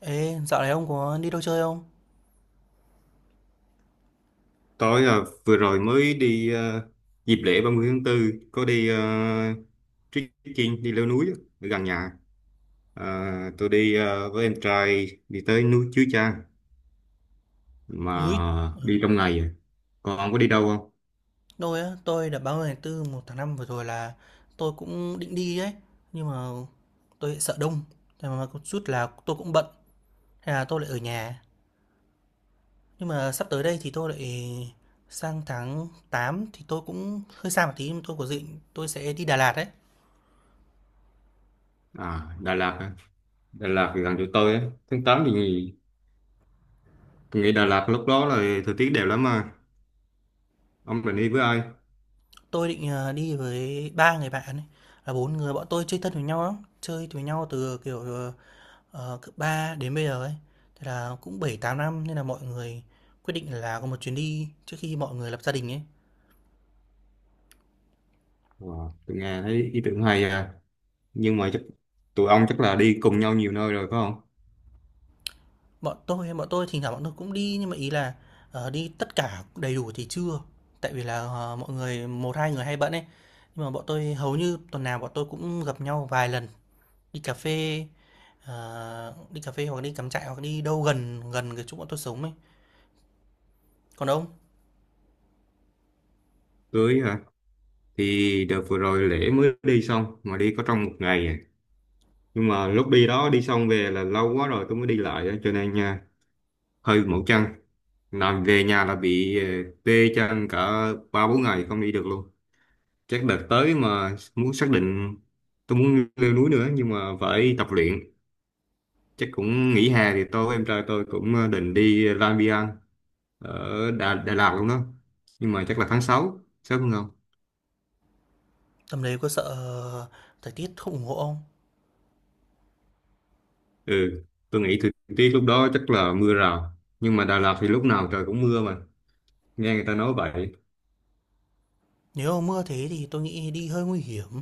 Ê, dạo này ông có đi đâu chơi không? Tôi à, vừa rồi mới đi à, dịp lễ ba mươi tháng 4 có đi trekking đi leo núi á, ở gần nhà. À, tôi đi à, với em trai đi tới núi Chúa Cha Núi. mà Ờ, đi trong ngày. À. Còn ông có đi đâu không? Tôi á, tôi đợt 30 tháng tư một tháng 5 vừa rồi là tôi cũng định đi ấy. Nhưng mà tôi lại sợ đông. Thế mà có chút là tôi cũng bận. Thế là tôi lại ở nhà. Nhưng mà sắp tới đây thì tôi lại sang tháng 8 thì tôi cũng hơi xa một tí. Nhưng tôi có định tôi sẽ đi Đà Lạt ấy. À, Đà Lạt. Á. Đà Lạt thì gần chỗ tôi á. Tháng 8 thì nghỉ, tôi nghĩ Đà Lạt lúc đó là thời tiết đẹp lắm mà. Ông định đi với ai? Tôi định đi với ba người bạn ấy. Là bốn người bọn tôi chơi thân với nhau lắm. Chơi với nhau từ kiểu cấp 3 đến bây giờ ấy, thì là cũng bảy tám năm nên là mọi người quyết định là có một chuyến đi trước khi mọi người lập gia đình ấy. Wow, tôi nghe thấy ý tưởng hay à. Nhưng mà chắc tụi ông chắc là đi cùng nhau nhiều nơi rồi phải không? Bọn tôi thỉnh thoảng bọn tôi cũng đi nhưng mà ý là, đi tất cả đầy đủ thì chưa, tại vì là, mọi người một hai người hay bận ấy. Nhưng mà bọn tôi hầu như tuần nào bọn tôi cũng gặp nhau vài lần, đi cà phê, đi cà phê hoặc đi cắm trại hoặc đi đâu gần gần cái chỗ bọn tôi sống ấy. Còn ông, Cưới hả? Thì đợt vừa rồi lễ mới đi xong mà đi có trong một ngày à. Nhưng mà lúc đi đó đi xong về là lâu quá rồi tôi mới đi lại á, cho nên nha hơi mỏi chân, làm về nhà là bị tê chân cả ba bốn ngày không đi được luôn. Chắc đợt tới mà muốn xác định tôi muốn leo núi nữa nhưng mà phải tập luyện, chắc cũng nghỉ hè thì tôi với em trai tôi cũng định đi Lang Biang ở Đà Lạt luôn đó, nhưng mà chắc là tháng 6 sớm hơn không. tầm đấy có sợ thời tiết không ủng hộ không? Ừ, tôi nghĩ thời tiết lúc đó chắc là mưa rào. Nhưng mà Đà Lạt thì lúc nào trời cũng mưa mà. Nghe người ta nói vậy. Nếu mà mưa thế thì tôi nghĩ đi hơi nguy hiểm.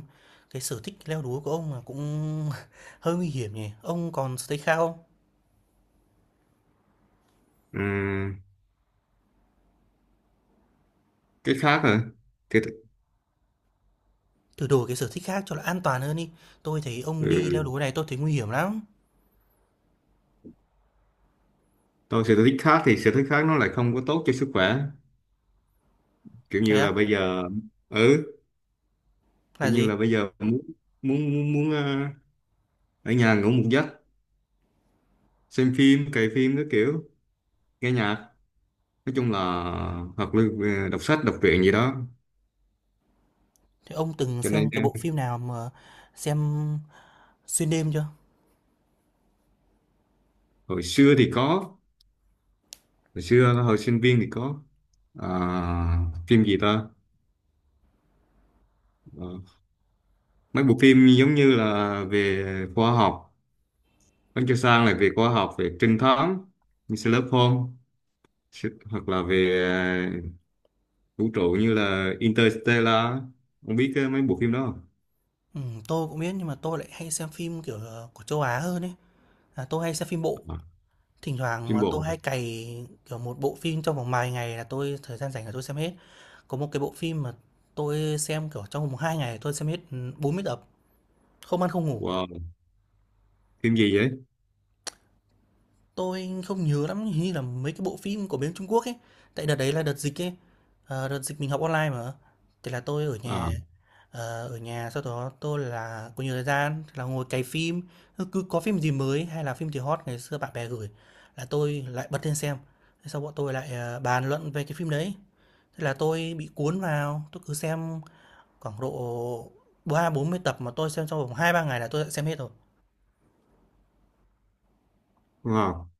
Cái sở thích leo núi của ông là cũng hơi nguy hiểm nhỉ. Ông còn sở thích khác không? Ừm, cái khác hả? Cái, th- Thử đổi cái sở thích khác cho nó an toàn hơn đi. Tôi thấy ông đi leo ừ, núi này tôi thấy nguy hiểm lắm. tôi sở thích khác thì sở thích khác nó lại không có tốt cho sức khỏe. Kiểu Thế như á? là bây giờ... Ừ, Là kiểu như gì? là bây giờ muốn ở nhà ngủ một giấc, xem phim, cày phim cái kiểu, nghe nhạc. Nói chung là hoặc là đọc sách, đọc truyện gì đó. Thế ông từng Cho nên xem cái bộ phim nào mà xem xuyên đêm chưa? hồi xưa thì có, hồi sinh viên thì có. À, phim gì ta. Ờ, mấy bộ phim giống như là về khoa học, Bánh Cho Sang là về khoa học, về trinh thám như Sherlock Holmes. Hoặc là về ờ, vũ trụ như là Interstellar, không biết cái mấy bộ phim đó không. Ừ, tôi cũng biết nhưng mà tôi lại hay xem phim kiểu của châu Á hơn ấy. À, tôi hay xem phim bộ. À, Thỉnh thoảng phim mà tôi bộ. hay cày, kiểu, một bộ phim trong vòng vài ngày là tôi thời gian rảnh là tôi xem hết. Có một cái bộ phim mà tôi xem, kiểu, trong vòng 2 ngày tôi xem hết, ừ, 40 tập, không ăn không ngủ. Wow, phim gì vậy? Tôi không nhớ lắm, hình như là mấy cái bộ phim của bên Trung Quốc ấy. Tại đợt đấy là đợt dịch ấy. Đợt dịch mình học online mà. Thì là tôi ở À. nhà. Ở nhà sau đó tôi là có nhiều thời gian thì là ngồi cày phim. Cứ có phim gì mới hay là phim gì hot ngày xưa bạn bè gửi là tôi lại bật lên xem. Thế sau bọn tôi lại bàn luận về cái phim đấy. Thế là tôi bị cuốn vào, tôi cứ xem khoảng độ ba bốn mươi tập mà tôi xem trong vòng 2-3 ngày là tôi đã xem hết rồi. Wow,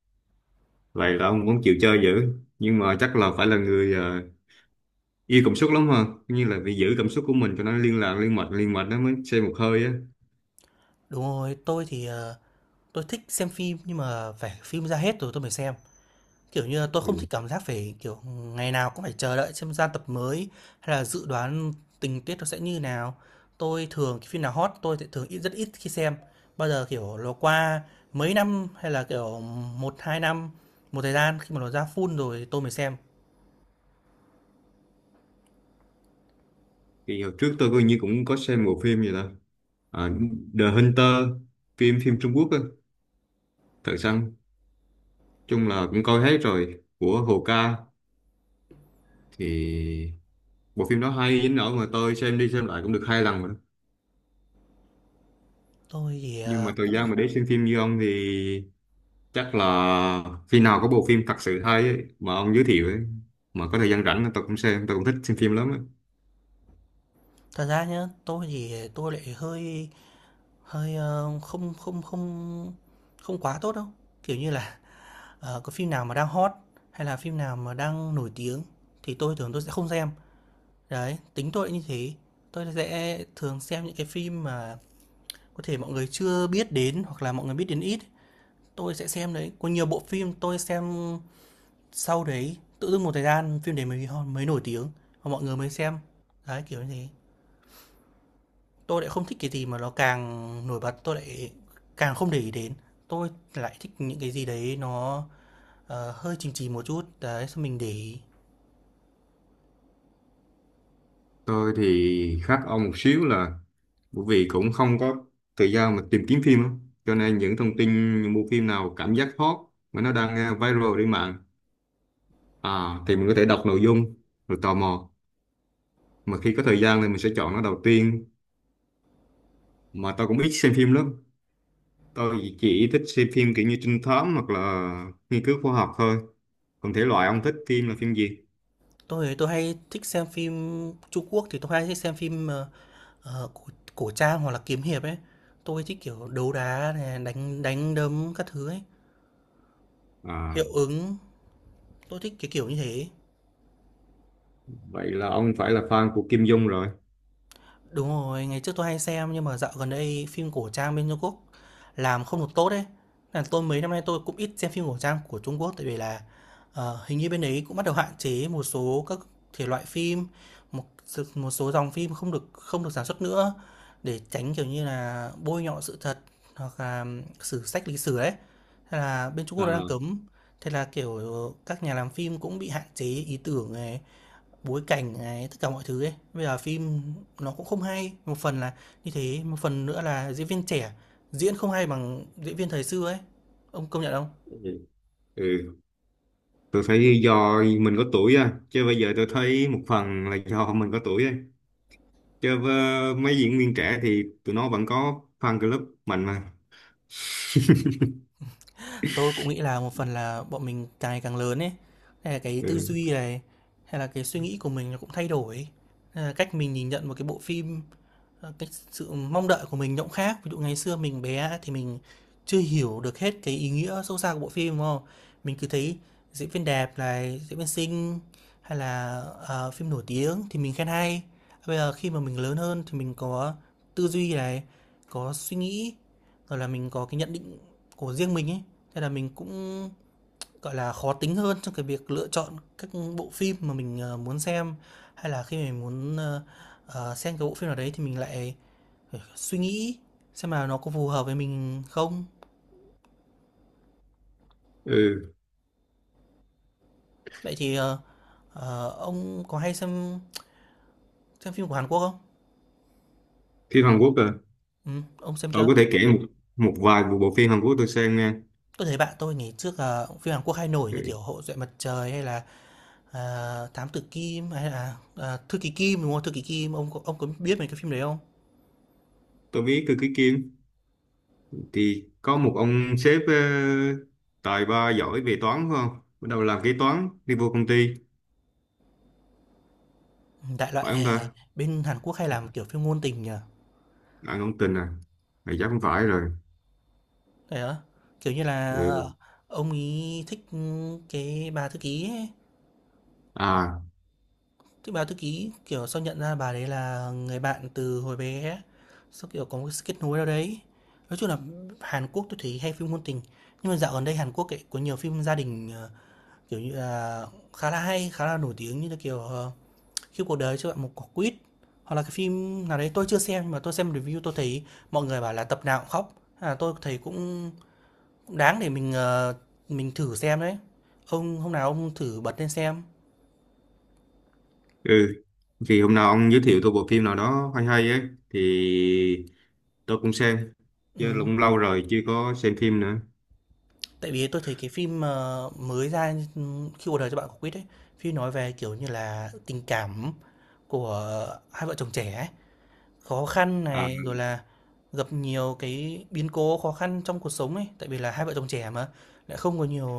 vậy là ông cũng chịu chơi dữ, nhưng mà chắc là phải là người yêu cảm xúc lắm ha, như là phải giữ cảm xúc của mình cho nó liên mạch nó mới xem một hơi á. Đúng rồi, tôi thích xem phim nhưng mà phải phim ra hết rồi tôi mới xem. Kiểu như là tôi không Ừ. thích cảm giác phải kiểu ngày nào cũng phải chờ đợi xem ra tập mới hay là dự đoán tình tiết nó sẽ như nào. Tôi thường cái phim nào hot tôi sẽ thường ít rất ít khi xem. Bao giờ kiểu nó qua mấy năm hay là kiểu một hai năm một thời gian khi mà nó ra full rồi tôi mới xem. Thì hồi trước tôi coi như cũng có xem bộ phim gì đó. À, The Hunter, phim phim Trung Quốc á, thật săn, chung là cũng coi hết rồi của Hồ Ca. Thì bộ phim đó hay đến nỗi mà tôi xem đi xem lại cũng được 2 lần rồi đó. Tôi thì Nhưng mà ờ, thời gian cũng mà để xem phim như ông thì chắc là khi nào có bộ phim thật sự hay ấy, mà ông giới thiệu ấy, mà có thời gian rảnh tôi cũng xem, tôi cũng thích xem phim lắm ấy. Thật ra nhá, tôi thì tôi lại hơi hơi, không không không không quá tốt đâu. Kiểu như là, có phim nào mà đang hot hay là phim nào mà đang nổi tiếng thì tôi thường tôi sẽ không xem. Đấy, tính tôi như thế. Tôi sẽ thường xem những cái phim mà có thể mọi người chưa biết đến hoặc là mọi người biết đến ít, tôi sẽ xem đấy. Có nhiều bộ phim tôi xem sau đấy, tự dưng một thời gian phim đấy mới nổi tiếng và mọi người mới xem. Đấy, kiểu như thế. Tôi lại không thích cái gì mà nó càng nổi bật, tôi lại càng không để ý đến. Tôi lại thích những cái gì đấy nó, hơi chìm chìm một chút, đấy, xong mình để ý. Tôi thì khác ông một xíu là bởi vì cũng không có thời gian mà tìm kiếm phim á. Cho nên những thông tin những bộ phim nào cảm giác hot mà nó đang à, viral trên mạng à, thì mình có thể đọc nội dung rồi tò mò, mà khi có thời gian thì mình sẽ chọn nó đầu tiên. Mà tôi cũng ít xem phim lắm, tôi chỉ thích xem phim kiểu như trinh thám hoặc là nghiên cứu khoa học thôi. Còn thể loại ông thích phim là phim gì? Tôi hay thích xem phim Trung Quốc thì tôi hay thích xem phim, cổ cổ trang hoặc là kiếm hiệp ấy. Tôi thích kiểu đấu đá này, đánh đánh đấm các thứ ấy, À, hiệu ứng, tôi thích cái kiểu như thế. vậy là ông phải là fan của Kim Dung rồi. Đúng rồi, ngày trước tôi hay xem nhưng mà dạo gần đây phim cổ trang bên Trung Quốc làm không được tốt đấy là tôi mấy năm nay tôi cũng ít xem phim cổ trang của Trung Quốc tại vì là hình như bên đấy cũng bắt đầu hạn chế một số các thể loại phim, một số dòng phim không được sản xuất nữa để tránh kiểu như là bôi nhọ sự thật hoặc là sử sách lịch sử đấy. Thế là bên Trung Quốc À, nó đang cấm. Thế là kiểu các nhà làm phim cũng bị hạn chế ý tưởng này, bối cảnh này, tất cả mọi thứ ấy. Bây giờ phim nó cũng không hay, một phần là như thế, một phần nữa là diễn viên trẻ diễn không hay bằng diễn viên thời xưa ấy. Ông công nhận không? ừ. Tôi thấy do mình có tuổi á, chứ bây giờ tôi thấy một phần là do mình có tuổi á, chơi với mấy diễn viên trẻ thì tụi nó vẫn có fan club mạnh mà. Tôi cũng nghĩ là một phần là bọn mình càng ngày càng lớn ấy, hay là cái tư Ừ. duy này, hay là cái suy nghĩ của mình nó cũng thay đổi ấy. Nên là cách mình nhìn nhận một cái bộ phim. Cái sự mong đợi của mình nó cũng khác. Ví dụ ngày xưa mình bé thì mình chưa hiểu được hết cái ý nghĩa sâu xa của bộ phim, đúng không? Mình cứ thấy diễn viên đẹp này, diễn viên xinh hay là, phim nổi tiếng thì mình khen hay. Bây giờ khi mà mình lớn hơn thì mình có tư duy này, có suy nghĩ, rồi là mình có cái nhận định của riêng mình ấy, thế là mình cũng gọi là, khó tính hơn trong cái việc lựa chọn các bộ phim mà mình, muốn xem, hay là khi mình muốn, xem cái bộ phim nào đấy thì mình lại phải suy nghĩ xem là nó có phù hợp với mình không. Ừ. Vậy thì, ông có hay xem phim của Hàn Quốc không? Phim Hàn Quốc à? Ông xem Tôi chưa? có thể kể một một vài bộ phim Hàn Quốc tôi xem nha. Tôi thấy bạn tôi ngày trước là phim Hàn Quốc hay nổi Ừ. như kiểu Hậu duệ mặt trời hay là, à, Thám tử Kim hay là, à, Thư ký Kim, đúng không? Thư ký Kim, ông có biết mấy cái phim đấy không? Tôi biết Cơ Ký Kim, thì có một ông sếp tài ba giỏi về toán phải không, bắt đầu làm kế toán đi vô công ty, Đại loại, phải không ta? bên Hàn Quốc hay làm, kiểu, phim ngôn tình nhỉ? Anh không tin à? Mày chắc không phải rồi. Thế á? Kiểu như là, Ừ. ông ấy thích, ừ, cái bà thư ký ấy, À. thích bà thư ký, kiểu, sau nhận ra bà đấy là người bạn từ hồi bé, sau kiểu, có một cái sự kết nối nào đấy. Nói chung là Hàn Quốc tôi thấy hay phim ngôn tình, nhưng mà dạo gần đây Hàn Quốc ấy có nhiều phim gia đình, kiểu như là, khá là hay, khá là nổi tiếng như là, kiểu, khi cuộc đời cho bạn một quả quýt hoặc là cái phim nào đấy tôi chưa xem nhưng mà tôi xem review tôi thấy mọi người bảo là tập nào cũng khóc. À tôi thấy cũng, đáng để mình mình thử xem đấy. Ông hôm nào ông thử bật lên xem. Ừ, thì hôm nào ông giới thiệu tôi bộ phim nào đó hay hay ấy thì tôi cũng xem chứ, Ừ. cũng lâu rồi chưa có xem phim nữa. Tại vì tôi thấy cái phim mới ra ừ, khi cuộc đời cho bạn quả quýt ấy phim nói về kiểu như là tình cảm của hai vợ chồng trẻ ấy. Khó khăn À, này, rồi là gặp nhiều cái biến cố khó khăn trong cuộc sống ấy, tại vì là hai vợ chồng trẻ mà, lại không có nhiều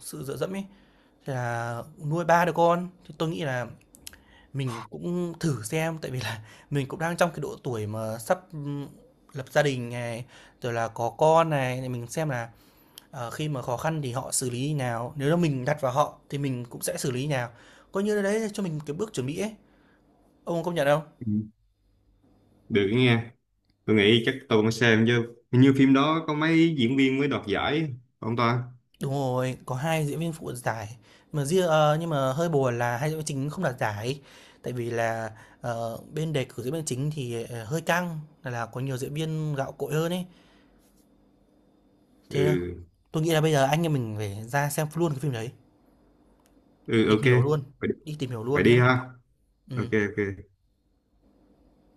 sự dựa dẫm ấy, thế là nuôi 3 đứa con. Thì tôi nghĩ là mình cũng thử xem, tại vì là mình cũng đang trong cái độ tuổi mà sắp, lập gia đình này, rồi là có con này, thì mình xem là, khi mà khó khăn thì họ xử lý như nào, nếu là mình đặt vào họ thì mình cũng sẽ xử lý như nào. Coi như là đấy cho mình cái bước chuẩn bị ấy, ông công nhận không? được nghe. Tôi nghĩ chắc tôi cũng xem chứ, hình như phim đó có mấy diễn viên mới đoạt giải, không ta? Đúng rồi, có 2 diễn viên phụ đoạt giải. Nhưng mà hơi buồn là hai diễn viên chính không đoạt giải. Tại vì là bên đề cử diễn viên chính thì hơi căng, là có nhiều diễn viên gạo cội hơn ấy. Thế Ừ. tôi nghĩ là bây giờ anh em mình phải ra xem luôn cái phim đấy, Ừ, tìm ok. hiểu luôn, Vậy, đi tìm hiểu vậy luôn đi nhá. ha. Ok, Ừ. ok.